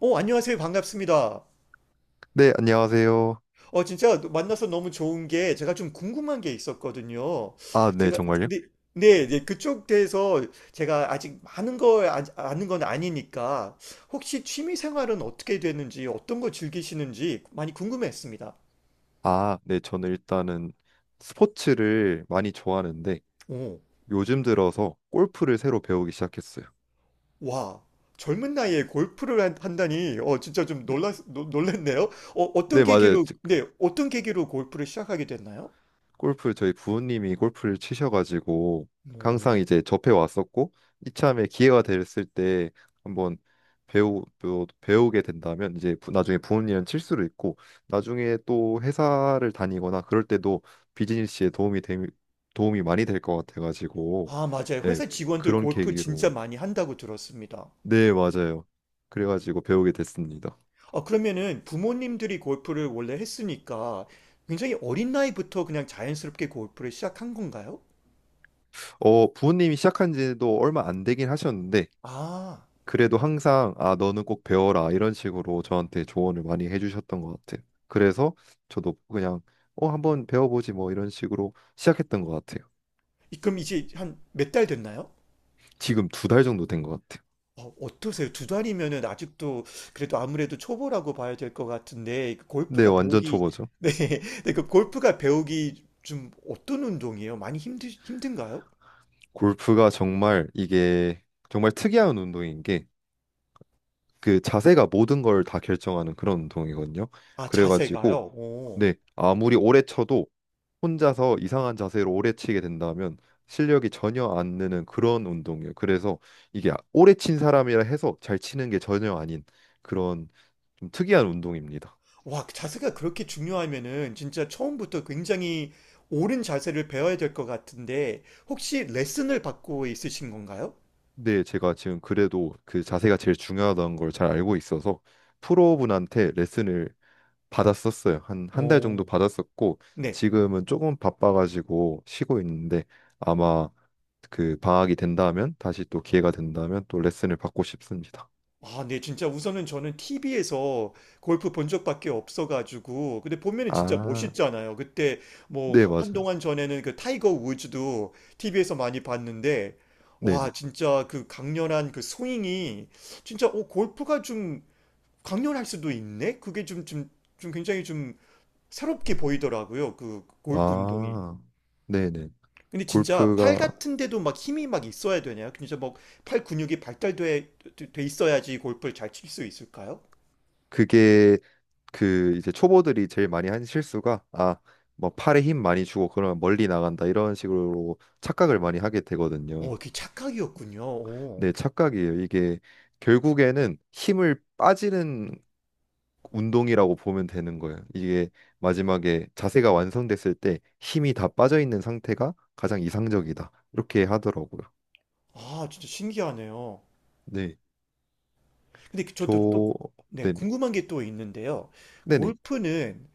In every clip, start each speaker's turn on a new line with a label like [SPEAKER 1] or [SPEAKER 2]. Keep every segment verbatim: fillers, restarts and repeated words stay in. [SPEAKER 1] 어, 안녕하세요. 반갑습니다.
[SPEAKER 2] 네, 안녕하세요.
[SPEAKER 1] 어, 진짜 만나서 너무 좋은 게 제가 좀 궁금한 게 있었거든요.
[SPEAKER 2] 아, 네,
[SPEAKER 1] 제가,
[SPEAKER 2] 정말요?
[SPEAKER 1] 네, 네, 네, 그쪽 대해서 제가 아직 많은 걸 아, 아는 건 아니니까 혹시 취미 생활은 어떻게 되는지, 어떤 거 즐기시는지 많이 궁금했습니다.
[SPEAKER 2] 아, 네, 저는 일단은 스포츠를 많이 좋아하는데
[SPEAKER 1] 오,
[SPEAKER 2] 요즘 들어서 골프를 새로 배우기 시작했어요.
[SPEAKER 1] 와, 젊은 나이에 골프를 한, 한다니, 어, 진짜 좀 놀랐, 놀- 놀랐네요. 어, 어떤
[SPEAKER 2] 네, 맞아요.
[SPEAKER 1] 계기로, 네, 어떤 계기로 골프를 시작하게 됐나요?
[SPEAKER 2] 골프 저희 부모님이 골프를 치셔가지고
[SPEAKER 1] 오.
[SPEAKER 2] 항상 이제 접해 왔었고 이참에 기회가 됐을 때 한번 배우 배우- 배우게 된다면 이제 부- 나중에 부모님은 칠 수도 있고 나중에 또 회사를 다니거나 그럴 때도 비즈니스에 도움이 되, 도움이 많이 될 것 같아가지고
[SPEAKER 1] 아, 맞아요.
[SPEAKER 2] 네,
[SPEAKER 1] 회사 직원들
[SPEAKER 2] 그런
[SPEAKER 1] 골프 진짜
[SPEAKER 2] 계기로.
[SPEAKER 1] 많이 한다고 들었습니다.
[SPEAKER 2] 네, 맞아요. 그래가지고 배우게 됐습니다.
[SPEAKER 1] 아, 그러면은 부모님들이 골프를 원래 했으니까 굉장히 어린 나이부터 그냥 자연스럽게 골프를 시작한 건가요?
[SPEAKER 2] 어 부모님이 시작한 지도 얼마 안 되긴 하셨는데
[SPEAKER 1] 아,
[SPEAKER 2] 그래도 항상 아 너는 꼭 배워라 이런 식으로 저한테 조언을 많이 해주셨던 것 같아요. 그래서 저도 그냥 어 한번 배워보지 뭐 이런 식으로 시작했던 것 같아요.
[SPEAKER 1] 이- 그럼 이제 한 몇 달 됐나요?
[SPEAKER 2] 지금 두 달 정도 된 것 같아요.
[SPEAKER 1] 어, 어떠세요? 두 달이면은 아직도 그래도 아무래도 초보라고 봐야 될 것 같은데 그
[SPEAKER 2] 네,
[SPEAKER 1] 골프가
[SPEAKER 2] 완전
[SPEAKER 1] 배우기
[SPEAKER 2] 초보죠.
[SPEAKER 1] 네, 네, 그 골프가 배우기 좀 어떤 운동이에요? 많이 힘드 힘든가요?
[SPEAKER 2] 골프가 정말 이게 정말 특이한 운동인 게 그 자세가 모든 걸 다 결정하는 그런 운동이거든요.
[SPEAKER 1] 아,
[SPEAKER 2] 그래가지고,
[SPEAKER 1] 자세가요?
[SPEAKER 2] 네, 아무리 오래 쳐도 혼자서 이상한 자세로 오래 치게 된다면 실력이 전혀 안 느는 그런 운동이에요. 그래서 이게 오래 친 사람이라 해서 잘 치는 게 전혀 아닌 그런 좀 특이한 운동입니다.
[SPEAKER 1] 와, 자세가 그렇게 중요하면은 진짜 처음부터 굉장히 옳은 자세를 배워야 될 것 같은데, 혹시 레슨을 받고 있으신 건가요?
[SPEAKER 2] 근데 제가 지금 그래도 그 자세가 제일 중요하다는 걸 잘 알고 있어서 프로분한테 레슨을 받았었어요. 한 한 달 정도
[SPEAKER 1] 오,
[SPEAKER 2] 받았었고
[SPEAKER 1] 네.
[SPEAKER 2] 지금은 조금 바빠가지고 쉬고 있는데 아마 그 방학이 된다면 다시 또 기회가 된다면 또 레슨을 받고 싶습니다.
[SPEAKER 1] 아, 네. 진짜 우선은 저는 티비에서 골프 본 적밖에 없어가지고. 근데 보면은 진짜
[SPEAKER 2] 아,
[SPEAKER 1] 멋있잖아요. 그때 뭐
[SPEAKER 2] 네,
[SPEAKER 1] 하-
[SPEAKER 2] 맞아요.
[SPEAKER 1] 한동안 전에는 그 타이거 우즈도 티비에서 많이 봤는데, 와,
[SPEAKER 2] 네네.
[SPEAKER 1] 진짜 그 강렬한 그 스윙이 진짜 어, 골프가 좀 강렬할 수도 있네? 그게 좀, 좀, 좀 굉장히 좀 새롭게 보이더라고요. 그 골프 운동이.
[SPEAKER 2] 아, 네네.
[SPEAKER 1] 근데 진짜 팔
[SPEAKER 2] 골프가
[SPEAKER 1] 같은 데도 막 힘이 막 있어야 되냐? 그 진짜 막 팔 근육이 발달돼 돼- 있어야지 골프를 잘 칠 수 있을까요?
[SPEAKER 2] 그게 그 이제 초보들이 제일 많이 하는 실수가, 아, 뭐 팔에 힘 많이 주고 그러면 멀리 나간다 이런 식으로 착각을 많이 하게
[SPEAKER 1] 어,
[SPEAKER 2] 되거든요.
[SPEAKER 1] 그게 착각이었군요. 어.
[SPEAKER 2] 네, 착각이에요. 이게 결국에는 힘을 빠지는 운동이라고 보면 되는 거예요. 이게 마지막에 자세가 완성됐을 때 힘이 다 빠져 있는 상태가 가장 이상적이다. 이렇게 하더라고요.
[SPEAKER 1] 아, 진짜 신기하네요.
[SPEAKER 2] 네.
[SPEAKER 1] 근데 그- 저도 또,
[SPEAKER 2] 저,
[SPEAKER 1] 네,
[SPEAKER 2] 네네.
[SPEAKER 1] 궁금한 게 또 있는데요.
[SPEAKER 2] 네네.
[SPEAKER 1] 골프는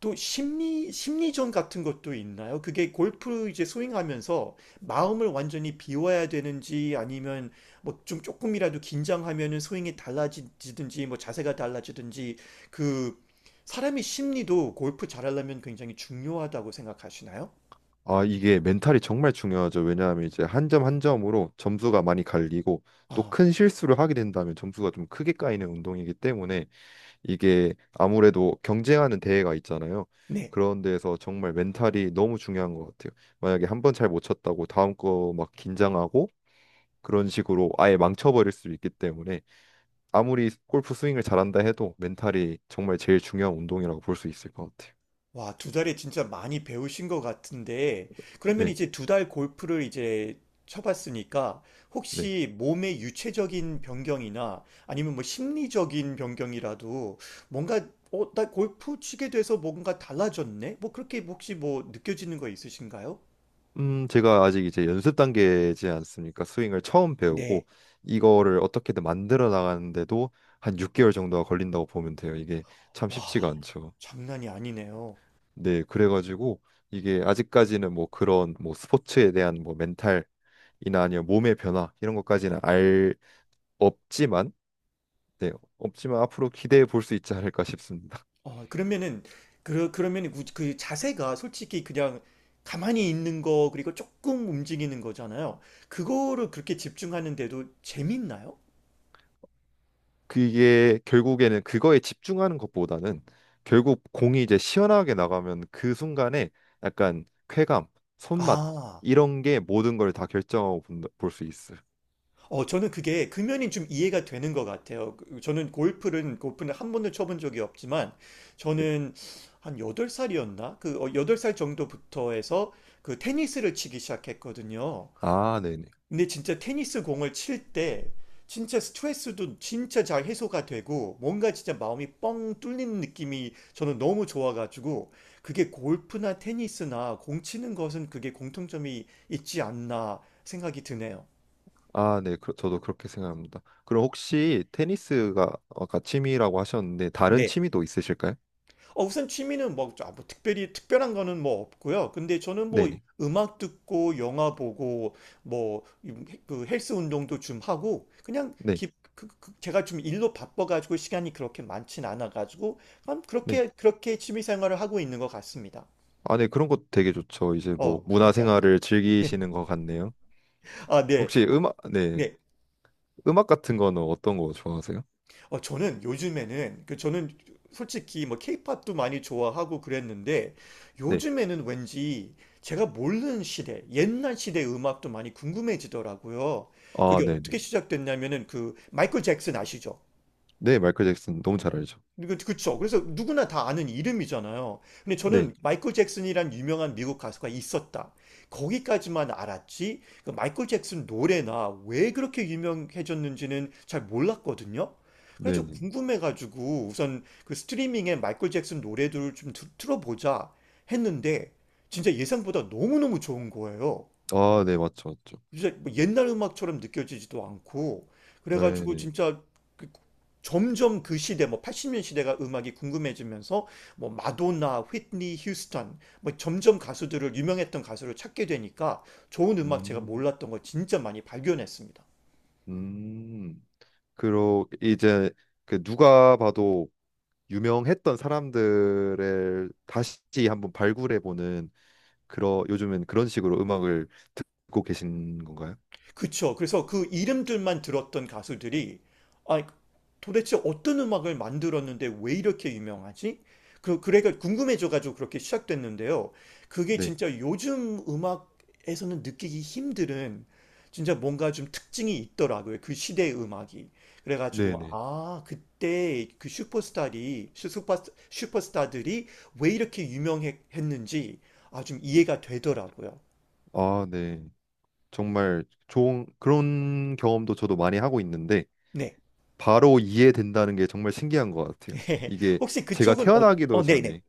[SPEAKER 1] 또 심리 심리전 같은 것도 있나요? 그게 골프 이제 스윙하면서 마음을 완전히 비워야 되는지 아니면 뭐 좀 조금이라도 긴장하면은 스윙이 달라지든지 뭐 자세가 달라지든지 그 사람의 심리도 골프 잘하려면 굉장히 중요하다고 생각하시나요?
[SPEAKER 2] 아, 이게 멘탈이 정말 중요하죠. 왜냐하면 이제 한 점 한 점으로 점수가 많이 갈리고 또
[SPEAKER 1] 아,
[SPEAKER 2] 큰 실수를 하게 된다면 점수가 좀 크게 까이는 운동이기 때문에 이게 아무래도 경쟁하는 대회가 있잖아요.
[SPEAKER 1] 네.
[SPEAKER 2] 그런 데에서 정말 멘탈이 너무 중요한 것 같아요. 만약에 한 번 잘 못 쳤다고 다음 거 막 긴장하고 그런 식으로 아예 망쳐버릴 수 있기 때문에 아무리 골프 스윙을 잘한다 해도 멘탈이 정말 제일 중요한 운동이라고 볼 수 있을 것 같아요.
[SPEAKER 1] 와, 두 달에 진짜 많이 배우신 것 같은데, 그러면
[SPEAKER 2] 네,
[SPEAKER 1] 이제 두 달 골프를 이제 쳐봤으니까,
[SPEAKER 2] 네.
[SPEAKER 1] 혹시 몸의 유체적인 변경이나 아니면 뭐 심리적인 변경이라도 뭔가, 어, 나 골프 치게 돼서 뭔가 달라졌네? 뭐 그렇게 혹시 뭐 느껴지는 거 있으신가요?
[SPEAKER 2] 음, 제가 아직 이제 연습 단계지 않습니까? 스윙을 처음
[SPEAKER 1] 네.
[SPEAKER 2] 배우고 이거를 어떻게든 만들어 나가는데도 한 육 개월 정도가 걸린다고 보면 돼요. 이게 참
[SPEAKER 1] 와,
[SPEAKER 2] 쉽지가 않죠.
[SPEAKER 1] 장난이 아니네요.
[SPEAKER 2] 네, 그래가지고 이게 아직까지는 뭐 그런 뭐 스포츠에 대한 뭐 멘탈이나 아니면 몸의 변화 이런 것까지는 알 없지만, 네, 없지만 앞으로 기대해 볼 수 있지 않을까 싶습니다.
[SPEAKER 1] 어, 그러면은, 그, 그러면은 그, 그 자세가 솔직히 그냥 가만히 있는 거, 그리고 조금 움직이는 거잖아요. 그거를 그렇게 집중하는데도 재밌나요?
[SPEAKER 2] 그게 결국에는 그거에 집중하는 것보다는 결국 공이 이제 시원하게 나가면 그 순간에 약간 쾌감, 손맛
[SPEAKER 1] 아,
[SPEAKER 2] 이런 게 모든 걸 다 결정하고 볼 수 있어요.
[SPEAKER 1] 어, 저는 그게 금연이 좀 이해가 되는 것 같아요. 그- 저는 골프는, 골프는 한 번도 쳐본 적이 없지만,
[SPEAKER 2] 네.
[SPEAKER 1] 저는 한 여덟 살이었나? 그 어, 여덟 살 정도부터 해서 그 테니스를 치기 시작했거든요.
[SPEAKER 2] 아, 네네.
[SPEAKER 1] 근데 진짜 테니스 공을 칠 때 진짜 스트레스도 진짜 잘 해소가 되고 뭔가 진짜 마음이 뻥 뚫리는 느낌이 저는 너무 좋아가지고 그게 골프나 테니스나 공 치는 것은 그게 공통점이 있지 않나 생각이 드네요.
[SPEAKER 2] 아, 네. 그- 저도 그렇게 생각합니다. 그럼 혹시 테니스가 아까 취미라고 하셨는데 다른 취미도 있으실까요?
[SPEAKER 1] 어, 우선 취미는 뭐, 아, 뭐 특별히 특별한 거는 뭐 없고요. 근데 저는 뭐
[SPEAKER 2] 네네.
[SPEAKER 1] 음악 듣고 영화 보고 뭐 그 헬스 운동도 좀 하고 그냥
[SPEAKER 2] 네.
[SPEAKER 1] 기, 그, 그- 제가 좀 일로 바빠가지고 시간이 그렇게 많진 않아가지고 그냥
[SPEAKER 2] 네.
[SPEAKER 1] 그렇게 그렇게 취미 생활을 하고 있는 것 같습니다.
[SPEAKER 2] 아, 네. 그런 것도 되게 좋죠. 이제 뭐
[SPEAKER 1] 어, 감사합니다.
[SPEAKER 2] 문화생활을 즐기시는 것 같네요.
[SPEAKER 1] 아, 네.
[SPEAKER 2] 혹시 음악, 네,
[SPEAKER 1] 네.
[SPEAKER 2] 음악 같은 거는 어떤 거 좋아하세요?
[SPEAKER 1] 어, 저는 요즘에는 그 저는 솔직히 뭐 케이팝도 많이 좋아하고 그랬는데
[SPEAKER 2] 네.
[SPEAKER 1] 요즘에는 왠지 제가 모르는 시대, 옛날 시대 음악도 많이 궁금해지더라고요.
[SPEAKER 2] 아,
[SPEAKER 1] 그게 어떻게
[SPEAKER 2] 네네.
[SPEAKER 1] 시작됐냐면은 그 마이클 잭슨 아시죠?
[SPEAKER 2] 네, 마이클 잭슨 너무 잘 알죠.
[SPEAKER 1] 그, 그쵸. 그래서 누구나 다 아는 이름이잖아요. 근데
[SPEAKER 2] 네,
[SPEAKER 1] 저는 마이클 잭슨이란 유명한 미국 가수가 있었다. 거기까지만 알았지, 그 마이클 잭슨 노래나 왜 그렇게 유명해졌는지는 잘 몰랐거든요. 그래서 좀
[SPEAKER 2] 네네.
[SPEAKER 1] 궁금해가지고 우선 그 스트리밍에 마이클 잭슨 노래들을 좀 들- 틀어보자 했는데 진짜 예상보다 너무너무 좋은 거예요.
[SPEAKER 2] 아, 네, 맞죠, 맞죠.
[SPEAKER 1] 진짜 뭐 옛날 음악처럼 느껴지지도 않고 그래가지고
[SPEAKER 2] 네네.
[SPEAKER 1] 진짜 점점 그 시대 뭐 팔십 년 시대가 음악이 궁금해지면서 뭐 마돈나, 휘트니 휴스턴 뭐 점점 가수들을 유명했던 가수를 찾게 되니까 좋은 음악 제가
[SPEAKER 2] 음.
[SPEAKER 1] 몰랐던 걸 진짜 많이 발견했습니다.
[SPEAKER 2] 음. 그러 이제 그 누가 봐도 유명했던 사람들을 다시 한번 발굴해 보는 그런 요즘엔 그런 식으로 음악을 듣고 계신 건가요?
[SPEAKER 1] 그쵸. 그래서 그 이름들만 들었던 가수들이 아, 도대체 어떤 음악을 만들었는데 왜 이렇게 유명하지? 그, 그래가 궁금해져가지고 그렇게 시작됐는데요. 그게
[SPEAKER 2] 네,
[SPEAKER 1] 진짜 요즘 음악에서는 느끼기 힘든 진짜 뭔가 좀 특징이 있더라고요. 그 시대의 음악이. 그래가지고,
[SPEAKER 2] 네네.
[SPEAKER 1] 아, 그때 그 슈퍼스타들이, 슈퍼, 슈퍼스타들이 왜 이렇게 유명했는지, 아, 좀 이해가 되더라고요.
[SPEAKER 2] 아, 네. 정말 좋은 그런 경험도 저도 많이 하고 있는데,
[SPEAKER 1] 네.
[SPEAKER 2] 바로 이해된다는 게 정말 신기한 것 같아요. 이게
[SPEAKER 1] 혹시
[SPEAKER 2] 제가
[SPEAKER 1] 그쪽은, 어,
[SPEAKER 2] 태어나기도
[SPEAKER 1] 어, 네네.
[SPEAKER 2] 전에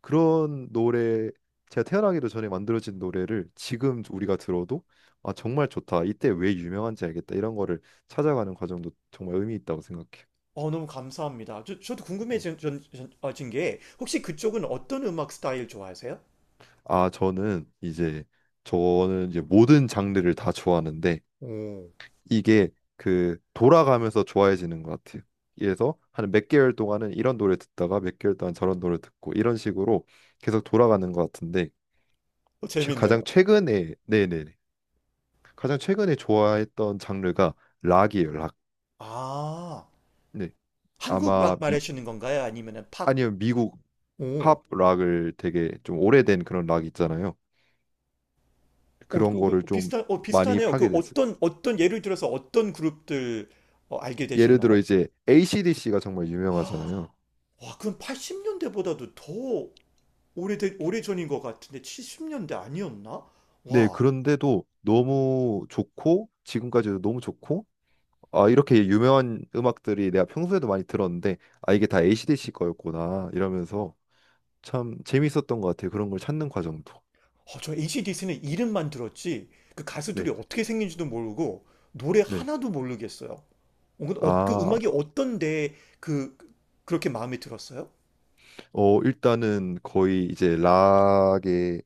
[SPEAKER 2] 그런 노래, 제가 태어나기도 전에 만들어진 노래를 지금 우리가 들어도 아, 정말 좋다. 이때 왜 유명한지 알겠다. 이런 거를 찾아가는 과정도 정말 의미 있다고 생각해요.
[SPEAKER 1] 어, 너무 감사합니다. 저, 저도
[SPEAKER 2] 네.
[SPEAKER 1] 궁금해진 전- 전- 어, 진게 혹시 그쪽은 어떤 음악 스타일 좋아하세요?
[SPEAKER 2] 아, 저는 이제 저는 이제 모든 장르를 다 좋아하는데
[SPEAKER 1] 오,
[SPEAKER 2] 이게 그 돌아가면서 좋아해지는 것 같아요. 그래서 한 몇 개월 동안은 이런 노래 듣다가 몇 개월 동안 저런 노래 듣고 이런 식으로 계속 돌아가는 것 같은데
[SPEAKER 1] 어,
[SPEAKER 2] 최- 가장
[SPEAKER 1] 재밌네요.
[SPEAKER 2] 최근에 네네네, 가장 최근에 좋아했던 장르가 락이에요, 락.
[SPEAKER 1] 아,
[SPEAKER 2] 네,
[SPEAKER 1] 한국 락
[SPEAKER 2] 아마 미
[SPEAKER 1] 말하시는 건가요? 아니면은 팝?
[SPEAKER 2] 아니면 미국
[SPEAKER 1] 오.
[SPEAKER 2] 팝 락을 되게 좀 오래된 그런 락 있잖아요.
[SPEAKER 1] 어,
[SPEAKER 2] 그런
[SPEAKER 1] 그,
[SPEAKER 2] 거를
[SPEAKER 1] 그
[SPEAKER 2] 좀
[SPEAKER 1] 비슷한, 어,
[SPEAKER 2] 많이
[SPEAKER 1] 비슷하네요. 그
[SPEAKER 2] 파게 됐어요.
[SPEAKER 1] 어떤, 어떤, 예를 들어서 어떤 그룹들 어, 알게
[SPEAKER 2] 예를 들어
[SPEAKER 1] 되셨나요?
[SPEAKER 2] 이제 에이씨/디씨가 정말
[SPEAKER 1] 아,
[SPEAKER 2] 유명하잖아요.
[SPEAKER 1] 와, 그럼 팔십 년대보다도 더 오래된, 오래전인 것 같은데, 칠십 년대 아니었나?
[SPEAKER 2] 네,
[SPEAKER 1] 와,
[SPEAKER 2] 그런데도 너무 좋고 지금까지도 너무 좋고 아, 이렇게 유명한 음악들이 내가 평소에도 많이 들었는데 아, 이게 다 에이씨/디씨 거였구나 이러면서 참 재밌었던 것 같아요. 그런 걸 찾는 과정도.
[SPEAKER 1] 어, 저 에이씨/디씨는 이름만 들었지 그
[SPEAKER 2] 네.
[SPEAKER 1] 가수들이 어떻게 생긴지도 모르고 노래
[SPEAKER 2] 네.
[SPEAKER 1] 하나도 모르겠어요. 어, 근데 어, 그
[SPEAKER 2] 아,
[SPEAKER 1] 음악이 어떤데 그 그렇게 마음에 들었어요?
[SPEAKER 2] 어, 일단은 거의 이제 락의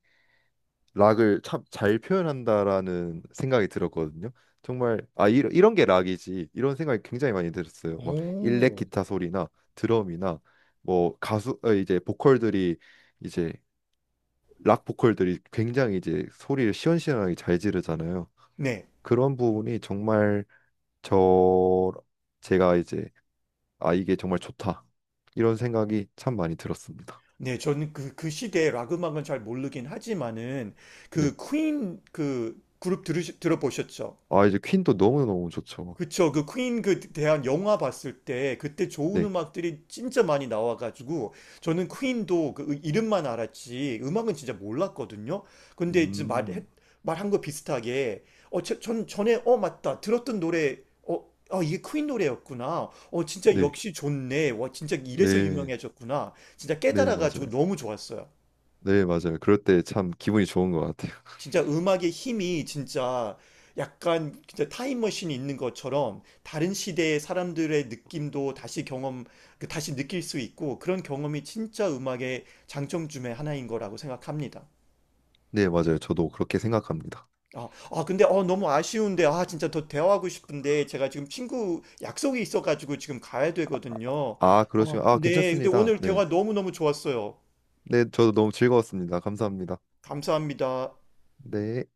[SPEAKER 2] 락을 참 잘 표현한다라는 생각이 들었거든요. 정말, 아, 이런 이런 게 락이지 이런 생각이 굉장히 많이 들었어요. 막 일렉
[SPEAKER 1] 오,
[SPEAKER 2] 기타 소리나 드럼이나 뭐 가수, 어, 이제 보컬들이 이제 락 보컬들이 굉장히 이제 소리를 시원시원하게 잘 지르잖아요.
[SPEAKER 1] 네.
[SPEAKER 2] 그런 부분이 정말 저 제가 이제 아, 이게 정말 좋다 이런 생각이 참 많이 들었습니다.
[SPEAKER 1] 네, 저는 그, 그 시대의 락 음악은 잘 모르긴 하지만은
[SPEAKER 2] 네.
[SPEAKER 1] 그 퀸 그 그룹 들으, 들어보셨죠?
[SPEAKER 2] 아, 이제 퀸도 너무너무 좋죠.
[SPEAKER 1] 그쵸. 그 퀸 그 대한 영화 봤을 때 그때 좋은
[SPEAKER 2] 네.
[SPEAKER 1] 음악들이 진짜 많이 나와가지고 저는 퀸도 그 이름만 알았지 음악은 진짜 몰랐거든요. 근데 이제 말,
[SPEAKER 2] 음.
[SPEAKER 1] 말한 거 비슷하게 어, 저- 전 전에 어 맞다 들었던 노래, 어, 아 이게 퀸 노래였구나. 어 진짜
[SPEAKER 2] 네.
[SPEAKER 1] 역시 좋네. 와 진짜 이래서
[SPEAKER 2] 네.
[SPEAKER 1] 유명해졌구나. 진짜
[SPEAKER 2] 네,
[SPEAKER 1] 깨달아가지고
[SPEAKER 2] 맞아요.
[SPEAKER 1] 너무 좋았어요.
[SPEAKER 2] 네, 맞아요. 그럴 때 참 기분이 좋은 것 같아요.
[SPEAKER 1] 진짜 음악의 힘이 진짜 약간 진짜 타임머신이 있는 것처럼 다른 시대의 사람들의 느낌도 다시 경험, 그 다시 느낄 수 있고 그런 경험이 진짜 음악의 장점 중에 하나인 거라고 생각합니다.
[SPEAKER 2] 네, 맞아요. 저도 그렇게 생각합니다.
[SPEAKER 1] 아, 아, 근데 어, 너무 아쉬운데 아 진짜 더 대화하고 싶은데 제가 지금 친구 약속이 있어가지고 지금 가야 되거든요.
[SPEAKER 2] 아,
[SPEAKER 1] 아,
[SPEAKER 2] 그러시면 아, 그러시 아,
[SPEAKER 1] 네, 근데
[SPEAKER 2] 괜찮습니다.
[SPEAKER 1] 오늘 대화
[SPEAKER 2] 네.
[SPEAKER 1] 너무너무 좋았어요.
[SPEAKER 2] 네, 저도 너무 즐거웠습니다. 감사합니다.
[SPEAKER 1] 감사합니다.
[SPEAKER 2] 네.